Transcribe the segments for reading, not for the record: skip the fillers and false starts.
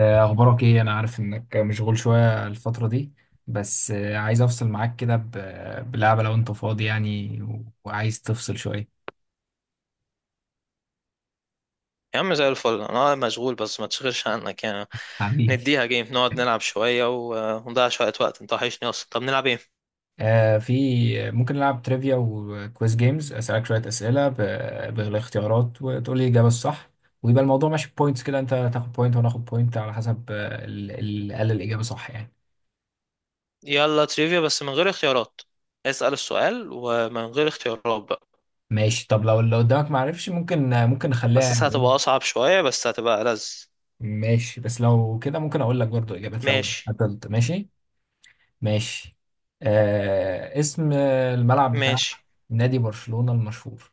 أخبارك إيه؟ أنا عارف إنك مشغول شوية الفترة دي. بس عايز أفصل معاك كده ب- بلعبة، لو أنت فاضي يعني و- وعايز تفصل شوية. يا عم زي الفل، انا مشغول بس ما تشغلش عنك يعني. حبيبي. نديها جيم نقعد نلعب شوية ونضيع شوية وقت، انت وحشني اصلا. طب نلعب ايه؟ في. ممكن نلعب تريفيا وكويز جيمز، أسألك شوية أسئلة ب- بالاختيارات وتقول لي الإجابة الصح. ويبقى الموضوع ماشي بوينتس، كده أنت تاخد بوينت وأنا آخد بوينت على حسب اللي قال الإجابة صح يعني. يلا تريفيا بس من غير اختيارات. اسأل السؤال ومن غير اختيارات بقى. ماشي، طب لو اللي قدامك معرفش، ممكن نخليها حاسسها يعني إيه. هتبقى اصعب شوية بس هتبقى ألذ. ماشي، بس لو كده ممكن أقول لك برضو إجابات لو ماشي. قتلت، ماشي. ماشي. اسم الملعب بتاع ماشي. نادي برشلونة المشهور؟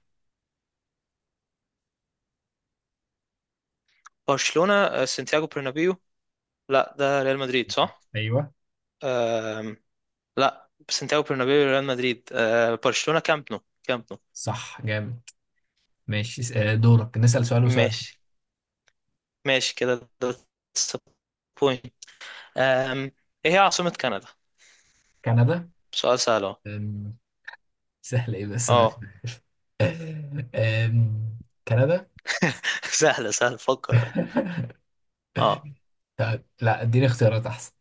برشلونة، سانتياغو برنابيو. لا ده ريال مدريد صح. ايوه، أم... لا سانتياغو برنابيو ريال مدريد، أه برشلونة كامب نو، كامب نو. صح جامد. ماشي، دورك نسأل سؤال، وسؤال. ماشي. ماشي كده. ده أم... ايه هي عاصمة كندا؟ كندا؟ سؤال سهل اهو. أم، سهل ايه، بس انا... اه. أم، كندا. سهل سهل، فكر بقى. اه. طب لا، اديني اختيارات احسن.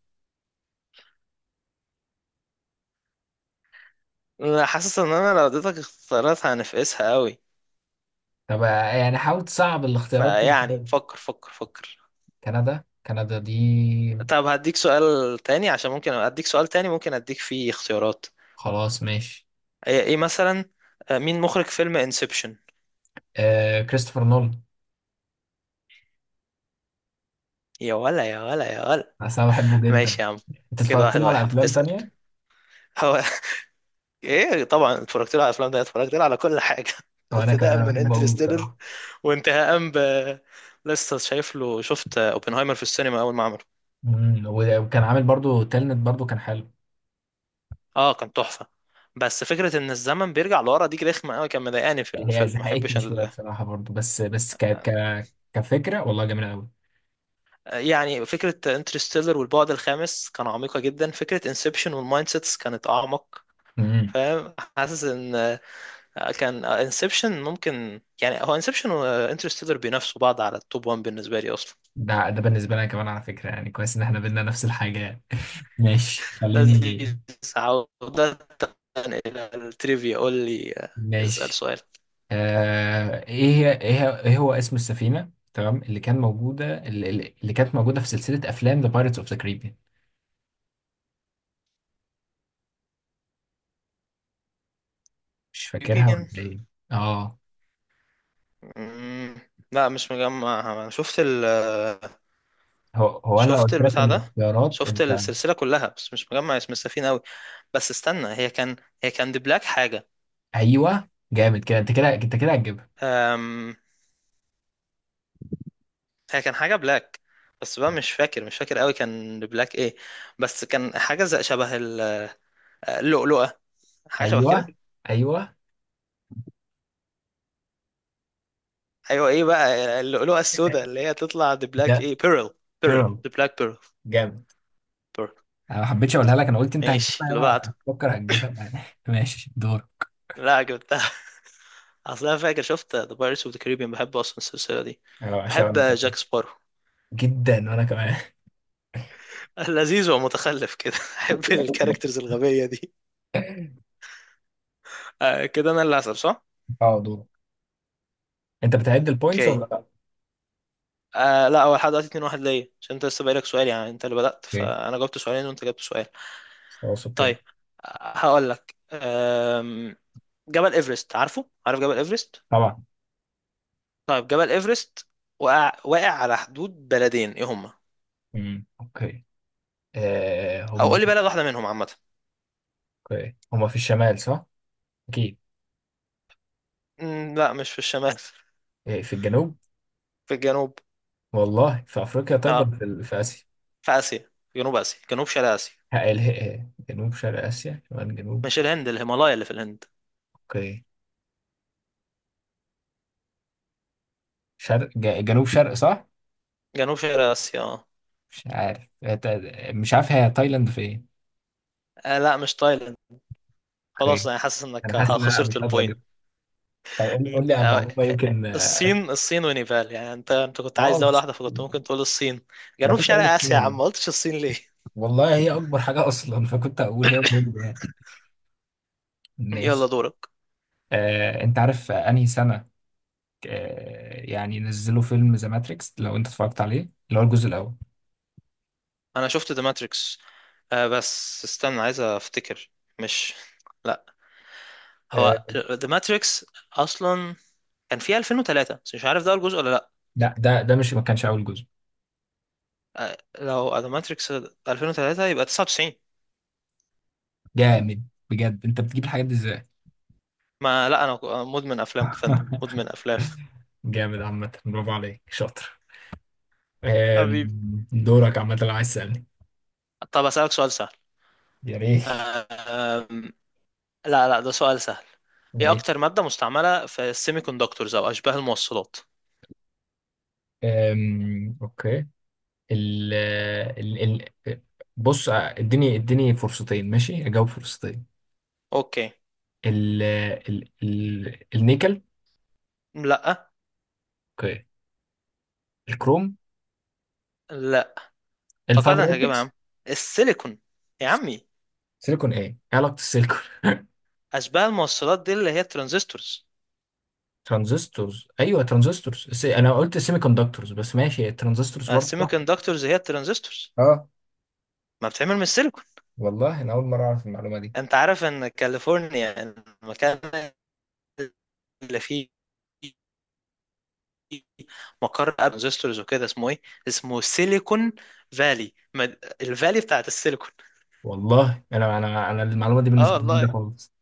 أنا حاسس ان انا لو اديتك اختيارات هنفقسها قوي. طب يعني حاول تصعب الاختيارات دي فيعني شوية. فكر فكر فكر كندا دي. طب هديك سؤال تاني، عشان ممكن اديك سؤال تاني ممكن اديك فيه اختيارات. خلاص ماشي. ايه، مثلا مين مخرج فيلم انسبشن؟ كريستوفر نولان. يا ولا يا ولا يا ولا. أصل انا بحبه جدا. ماشي يا عم. انت كده اتفرجت واحد له على واحد افلام اسأل. تانية؟ هو ايه طبعا اتفرجت له على الافلام ده، اتفرجت له على كل حاجه وانا كمان، ابتداء أنا من بحبه قوي انترستيلر بصراحة. وانتهاء ب… لسه شايف له، شفت اوبنهايمر في السينما اول ما عمله. و- وكان عامل برضو تلنت، برضو كان حلو. اه كان تحفه. بس فكره ان الزمن بيرجع لورا دي رخمه قوي، كان مضايقاني في هي الفيلم، ما بحبش زهقتني شويه ال... بصراحه برضو، بس ك ك كفكره والله جميله قوي. يعني فكره انترستيلر والبعد الخامس كان عميقه جدا، فكره انسبشن والمايند سيتس كانت اعمق. امم. فاهم؟ حاسس ان كان انسبشن ممكن، يعني هو انسبشن وانترستيلر بينافسوا بعض على التوب 1 بالنسبه لي اصلا. ده بالنسبه لنا كمان على فكره، يعني كويس ان احنا بينا نفس الحاجه يعني. ماشي، خليني. لذيذ. عودة إلى التريفيا. قول لي اسأل ماشي. سؤال. ايه هو اسم السفينه، تمام، اللي كان موجوده، اللي, اللي كانت موجوده في سلسله افلام ذا بايرتس اوف ذا كاريبيان؟ مش فاكرها ولا بين. ايه؟ اه. مم، لا مش مجمع، شفت ال… هو انا لو شفت قلت لك البتاع ده، الاختيارات شفت انت... السلسلة كلها بس مش مجمع اسم السفينة أوي. بس استنى، هي كان، هي كان دي بلاك حاجة. ايوه جامد، كده انت، كده انت، كده هتجيبها. أم... هي كان حاجة بلاك، بس بقى مش فاكر قوي كان دي بلاك ايه، بس كان حاجة زي شبه اللؤلؤة، حاجة شبه ايوه. كده. ايوه. ايوه، ايه بقى، اللؤلؤه السوداء اللي هي تطلع ذا بلاك ده. ايه، بيرل، بيرل، بيرل. ذا بلاك بيرل، جامد. بيرل. انا ما حبيتش اقولها لك، انا قلت انت ماشي، هتجيبها اللي بقى، بعده. هتفكر هتجيبها بقى. ماشي، دور. لا جبتها. اصل انا فاكر، شفت ذا بايرتس اوف ذا كاريبيان، بحب اصلا السلسله دي. انا بحب بعشقني كمان. جاك سبارو. جدا، وانا كمان. لذيذ ومتخلف كده، بحب الكاركترز الغبيه دي. آه كده انا اللي هسأل صح. اه، دور. انت بتعد البوينتس اوكي. ولا لا؟ آه لا، هو لحد دلوقتي 2 1 ليا، عشان انت لسه بقالك سؤال يعني، انت اللي بدأت اوكي. فانا جاوبت سؤالين وانت جاوبت سؤال. خلاص طيب اوكي. هقول لك، جبل ايفرست، عارف جبل ايفرست؟ طبعا. طيب جبل ايفرست واقع على حدود بلدين، ايه هما؟ امم، اوكي. او هم... قول لي بلد واحده منهم عامه. اوكي، هم في الشمال، صح؟ اكيد. لا مش في الشمال. إيه، في الجنوب؟ في الجنوب، والله في افريقيا، طيب، ولا اه، في اسيا؟ في اسيا، في جنوب اسيا، جنوب شرق اسيا. جنوب شرق اسيا، شمال جنوب مش شرق. الهند، الهيمالايا اللي في الهند. اوكي. جنوب شرق صح؟ جنوب شرق اسيا، اه. مش عارف. مش عارف، هي تايلاند في ايه. لا مش تايلاند. خلاص اوكي. انا حاسس انا انك حاسس ان انا مش خسرت هقدر البوينت. اجيب. طب قول لي على آه، المعلومه، يمكن، اه. الصين، الصين ونيبال، يعني انت كنت عايز آه، دوله واحده فكنت ممكن تقول الصين. انا جنوب كنت اقول شرق لك كده. اسيا يا والله. عم، ما قلتش الصين ليه؟ والله هي اكبر حاجه اصلا، فكنت اقول هي هوليوود يعني. ماشي. يلا دورك. انت عارف انهي سنه يعني نزلوا فيلم ذا ماتريكس، لو انت اتفرجت عليه، اللي هو الجزء الاول؟ انا شفت ذا ماتريكس. آه بس استنى عايز افتكر. مش، لا، هو آه، ذا ماتريكس اصلا كان في 2003 بس مش عارف ده أول جزء ولا لا. لا، ده مش، ما كانش اول جزء. آه لو ذا ماتريكس 2003 يبقى 99. جامد. بجد انت بتجيب الحاجات دي ازاي؟ ما لا انا مدمن افلام، فندم، مدمن افلام. جامد عامة، برافو عليك، شاطر. حبيبي. دورك عامة لو عايز تسألني. طب اسالك سؤال سهل. يا ريت. آه، لا لا ده سؤال سهل. يا ايه ريت. اكتر مادة مستعملة في السيمي كوندكتورز او اشباه الموصلات؟ اوكي. ال ال ال بص، اديني فرصتين، ماشي اجاوب فرصتين. اوكي. ال ال ال النيكل. لا. اوكي. الكروم. لا. توقعت الفايبر انك هجيبها يا اوبتكس. عم. السيليكون يا عمي. سيليكون، ايه علاقة السيليكون؟ اشباه الموصلات دي اللي هي الترانزستورز. ترانزستورز، ايوه ترانزستورز، انا قلت سيمي كوندكتورز، بس ماشي الترانزستورز ما برضه السيمي صح. كوندكتورز هي الترانزستورز، اه. ما بتعمل من السيليكون. والله انا اول مرة اعرف المعلومة دي. انت عارف ان كاليفورنيا، المكان اللي فيه مقر ترانزستورز وكده، اسمه ايه؟ اسمه سيليكون فالي، الفالي بتاعت السيليكون. والله انا المعلومة دي اه بالنسبة لي جديدة والله. خالص.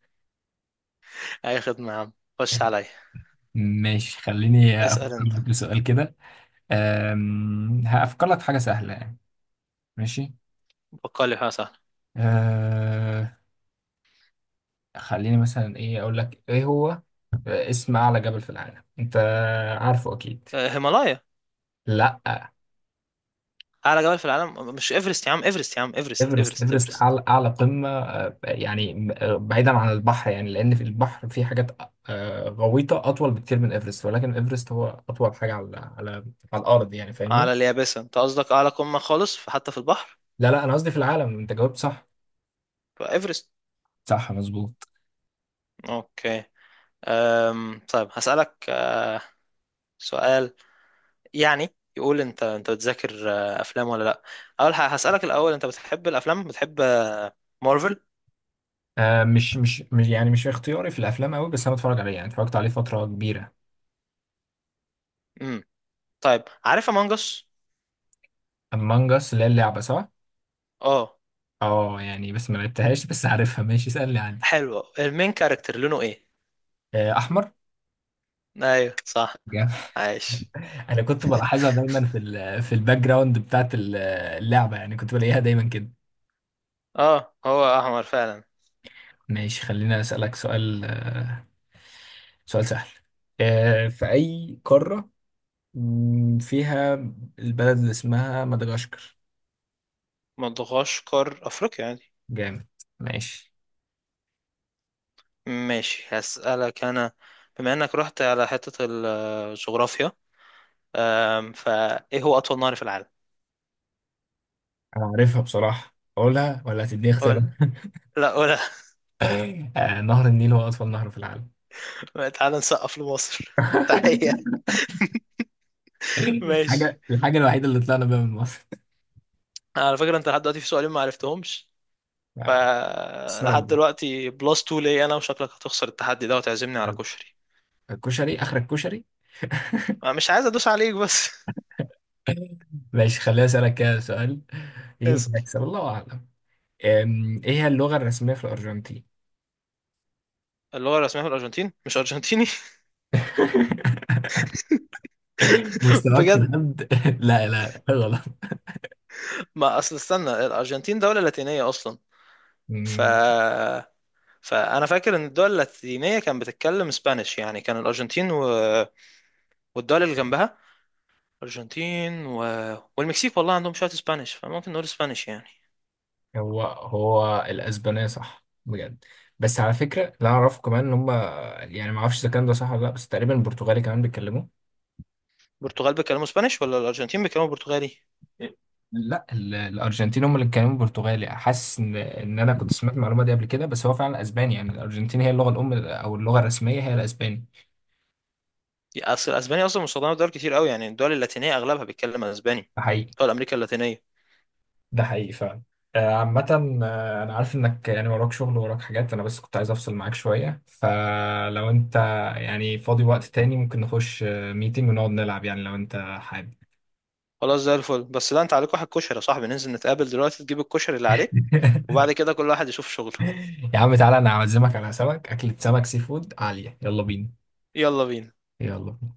اي خدمه يا عم، خش عليا. ماشي، خليني اسال افكر انت. لك بسؤال كده. هأفكر لك في حاجة سهلة يعني. ماشي. بقالي حاجه سهله. أه. خليني مثلا، ايه اقول لك، ايه هو اسم اعلى جبل في العالم، انت عارفه اكيد. هيمالايا. لا. اعلى جبل في العالم مش ايفرست يا عم؟ ايفرست يا عم، ايفرست، ايفرست، ايفرست، ايفرست، ايفرست. اعلى اعلى قمة يعني م- أه، بعيدا عن البحر يعني، لان في البحر في حاجات غويطة اطول بكتير من ايفرست، ولكن ايفرست هو اطول حاجة على على الارض يعني، فاهمني؟ اعلى اليابسه انت قصدك، اعلى قمه خالص في- حتى في البحر؟ لا، لا، انا قصدي في العالم، انت جاوبت صح. فايفرست. صح، مظبوط. اوكي. طيب هسألك سؤال يعني يقول، انت بتذاكر افلام ولا لا؟ اول حاجة هسألك الاول، انت بتحب الافلام، بتحب مارفل؟ يعني مش اختياري في الافلام قوي، بس انا بتفرج عليه، يعني اتفرجت عليه فتره كبيره. امم. طيب عارف امong اس؟ امong us، اللي هي اللعبه، صح؟ اه. اه يعني، بس ما لعبتهاش، بس عارفها. ماشي، اسالني، عندي. حلو، المين كاركتر لونه ايه؟ احمر. ايوه صح. جامد. عايش. انا كنت بلاحظها دايما في الباك جراوند بتاعت اللعبه، يعني كنت بلاقيها دايما كده. اه هو احمر فعلا. ماشي، خلينا اسالك سؤال، سؤال سهل. في اي قاره فيها البلد اللي اسمها مدغشقر؟ مدغشقر افريقيا يعني. جامد. ماشي. ماشي هسألك انا، بما انك رحت على حتة الجغرافيا، هو اطول نهر في العالم؟ انا عارفها بصراحه، اقولها ولا هتديني اختيارات؟ قول. لا قول. نهر النيل هو اطول نهر في العالم. تعال نسقف لمصر. تحية. ماشي. الحاجة الوحيدة اللي طلعنا بيها من مصر. على فكرة انت لحد دلوقتي في سؤالين ما عرفتهمش، أثرت فلحد بقى. دلوقتي بلس 2 ليا انا، وشكلك هتخسر التحدي ده وتعزمني على كشري. الكشري، آخر الكشري. انا مش عايز ادوس عليك بس. ماشي، خليني أسألك كده سؤال، اسأل. يمكن أكسب، الله أعلم. إيه هي اللغة الرسمية في الأرجنتين؟ اللغة الرسمية في الأرجنتين مش أرجنتيني؟ مستواك في بجد. الهبد. لا، لا، غلط. ما أصل استنى، الأرجنتين دولة لاتينية أصلا، ف، أمم، فأنا فاكر إن الدول اللاتينية كانت بتتكلم اسبانيش، يعني كان الأرجنتين و... والدول اللي جنبها، الأرجنتين و... والمكسيك، والله عندهم شوية اسبانيش، فممكن نقول اسبانيش يعني. هو الأسبانية، صح بجد. بس على فكرة، لا أعرفه كمان إن هم، يعني ما أعرفش إذا كان ده صح ولا لأ، بس تقريبا البرتغالي كمان بيتكلموا. البرتغال بيتكلموا اسبانيش ولا الارجنتين بيتكلموا برتغالي؟ لا، ال- الارجنتين هم اللي بيتكلموا برتغالي، حاسس ان انا كنت سمعت المعلومه دي قبل كده، بس هو فعلا اسباني يعني، الارجنتين هي اللغه الام او اللغه الرسميه هي الاسباني. اصل الاسباني اصلا مستخدمه في دول كتير قوي، يعني الدول اللاتينيه اغلبها بيتكلم اسباني. ده حقيقي. دول امريكا اللاتينيه. ده حقيقي فعلا. عامة، أنا عارف إنك يعني وراك شغل، وراك حاجات، أنا بس كنت عايز أفصل معاك شوية، فلو أنت يعني فاضي وقت تاني، ممكن نخش ميتنج ونقعد نلعب يعني، لو أنت حابب. خلاص زي الفل، بس لا انت عليك واحد كشري يا صاحبي، ننزل نتقابل دلوقتي تجيب الكشري اللي عليك، وبعد كده كل واحد يشوف شغله. يا عم تعالى، أنا أعزمك على سمك، أكلة سمك سي فود عالية، يلا بينا. يلا بينا. يلا.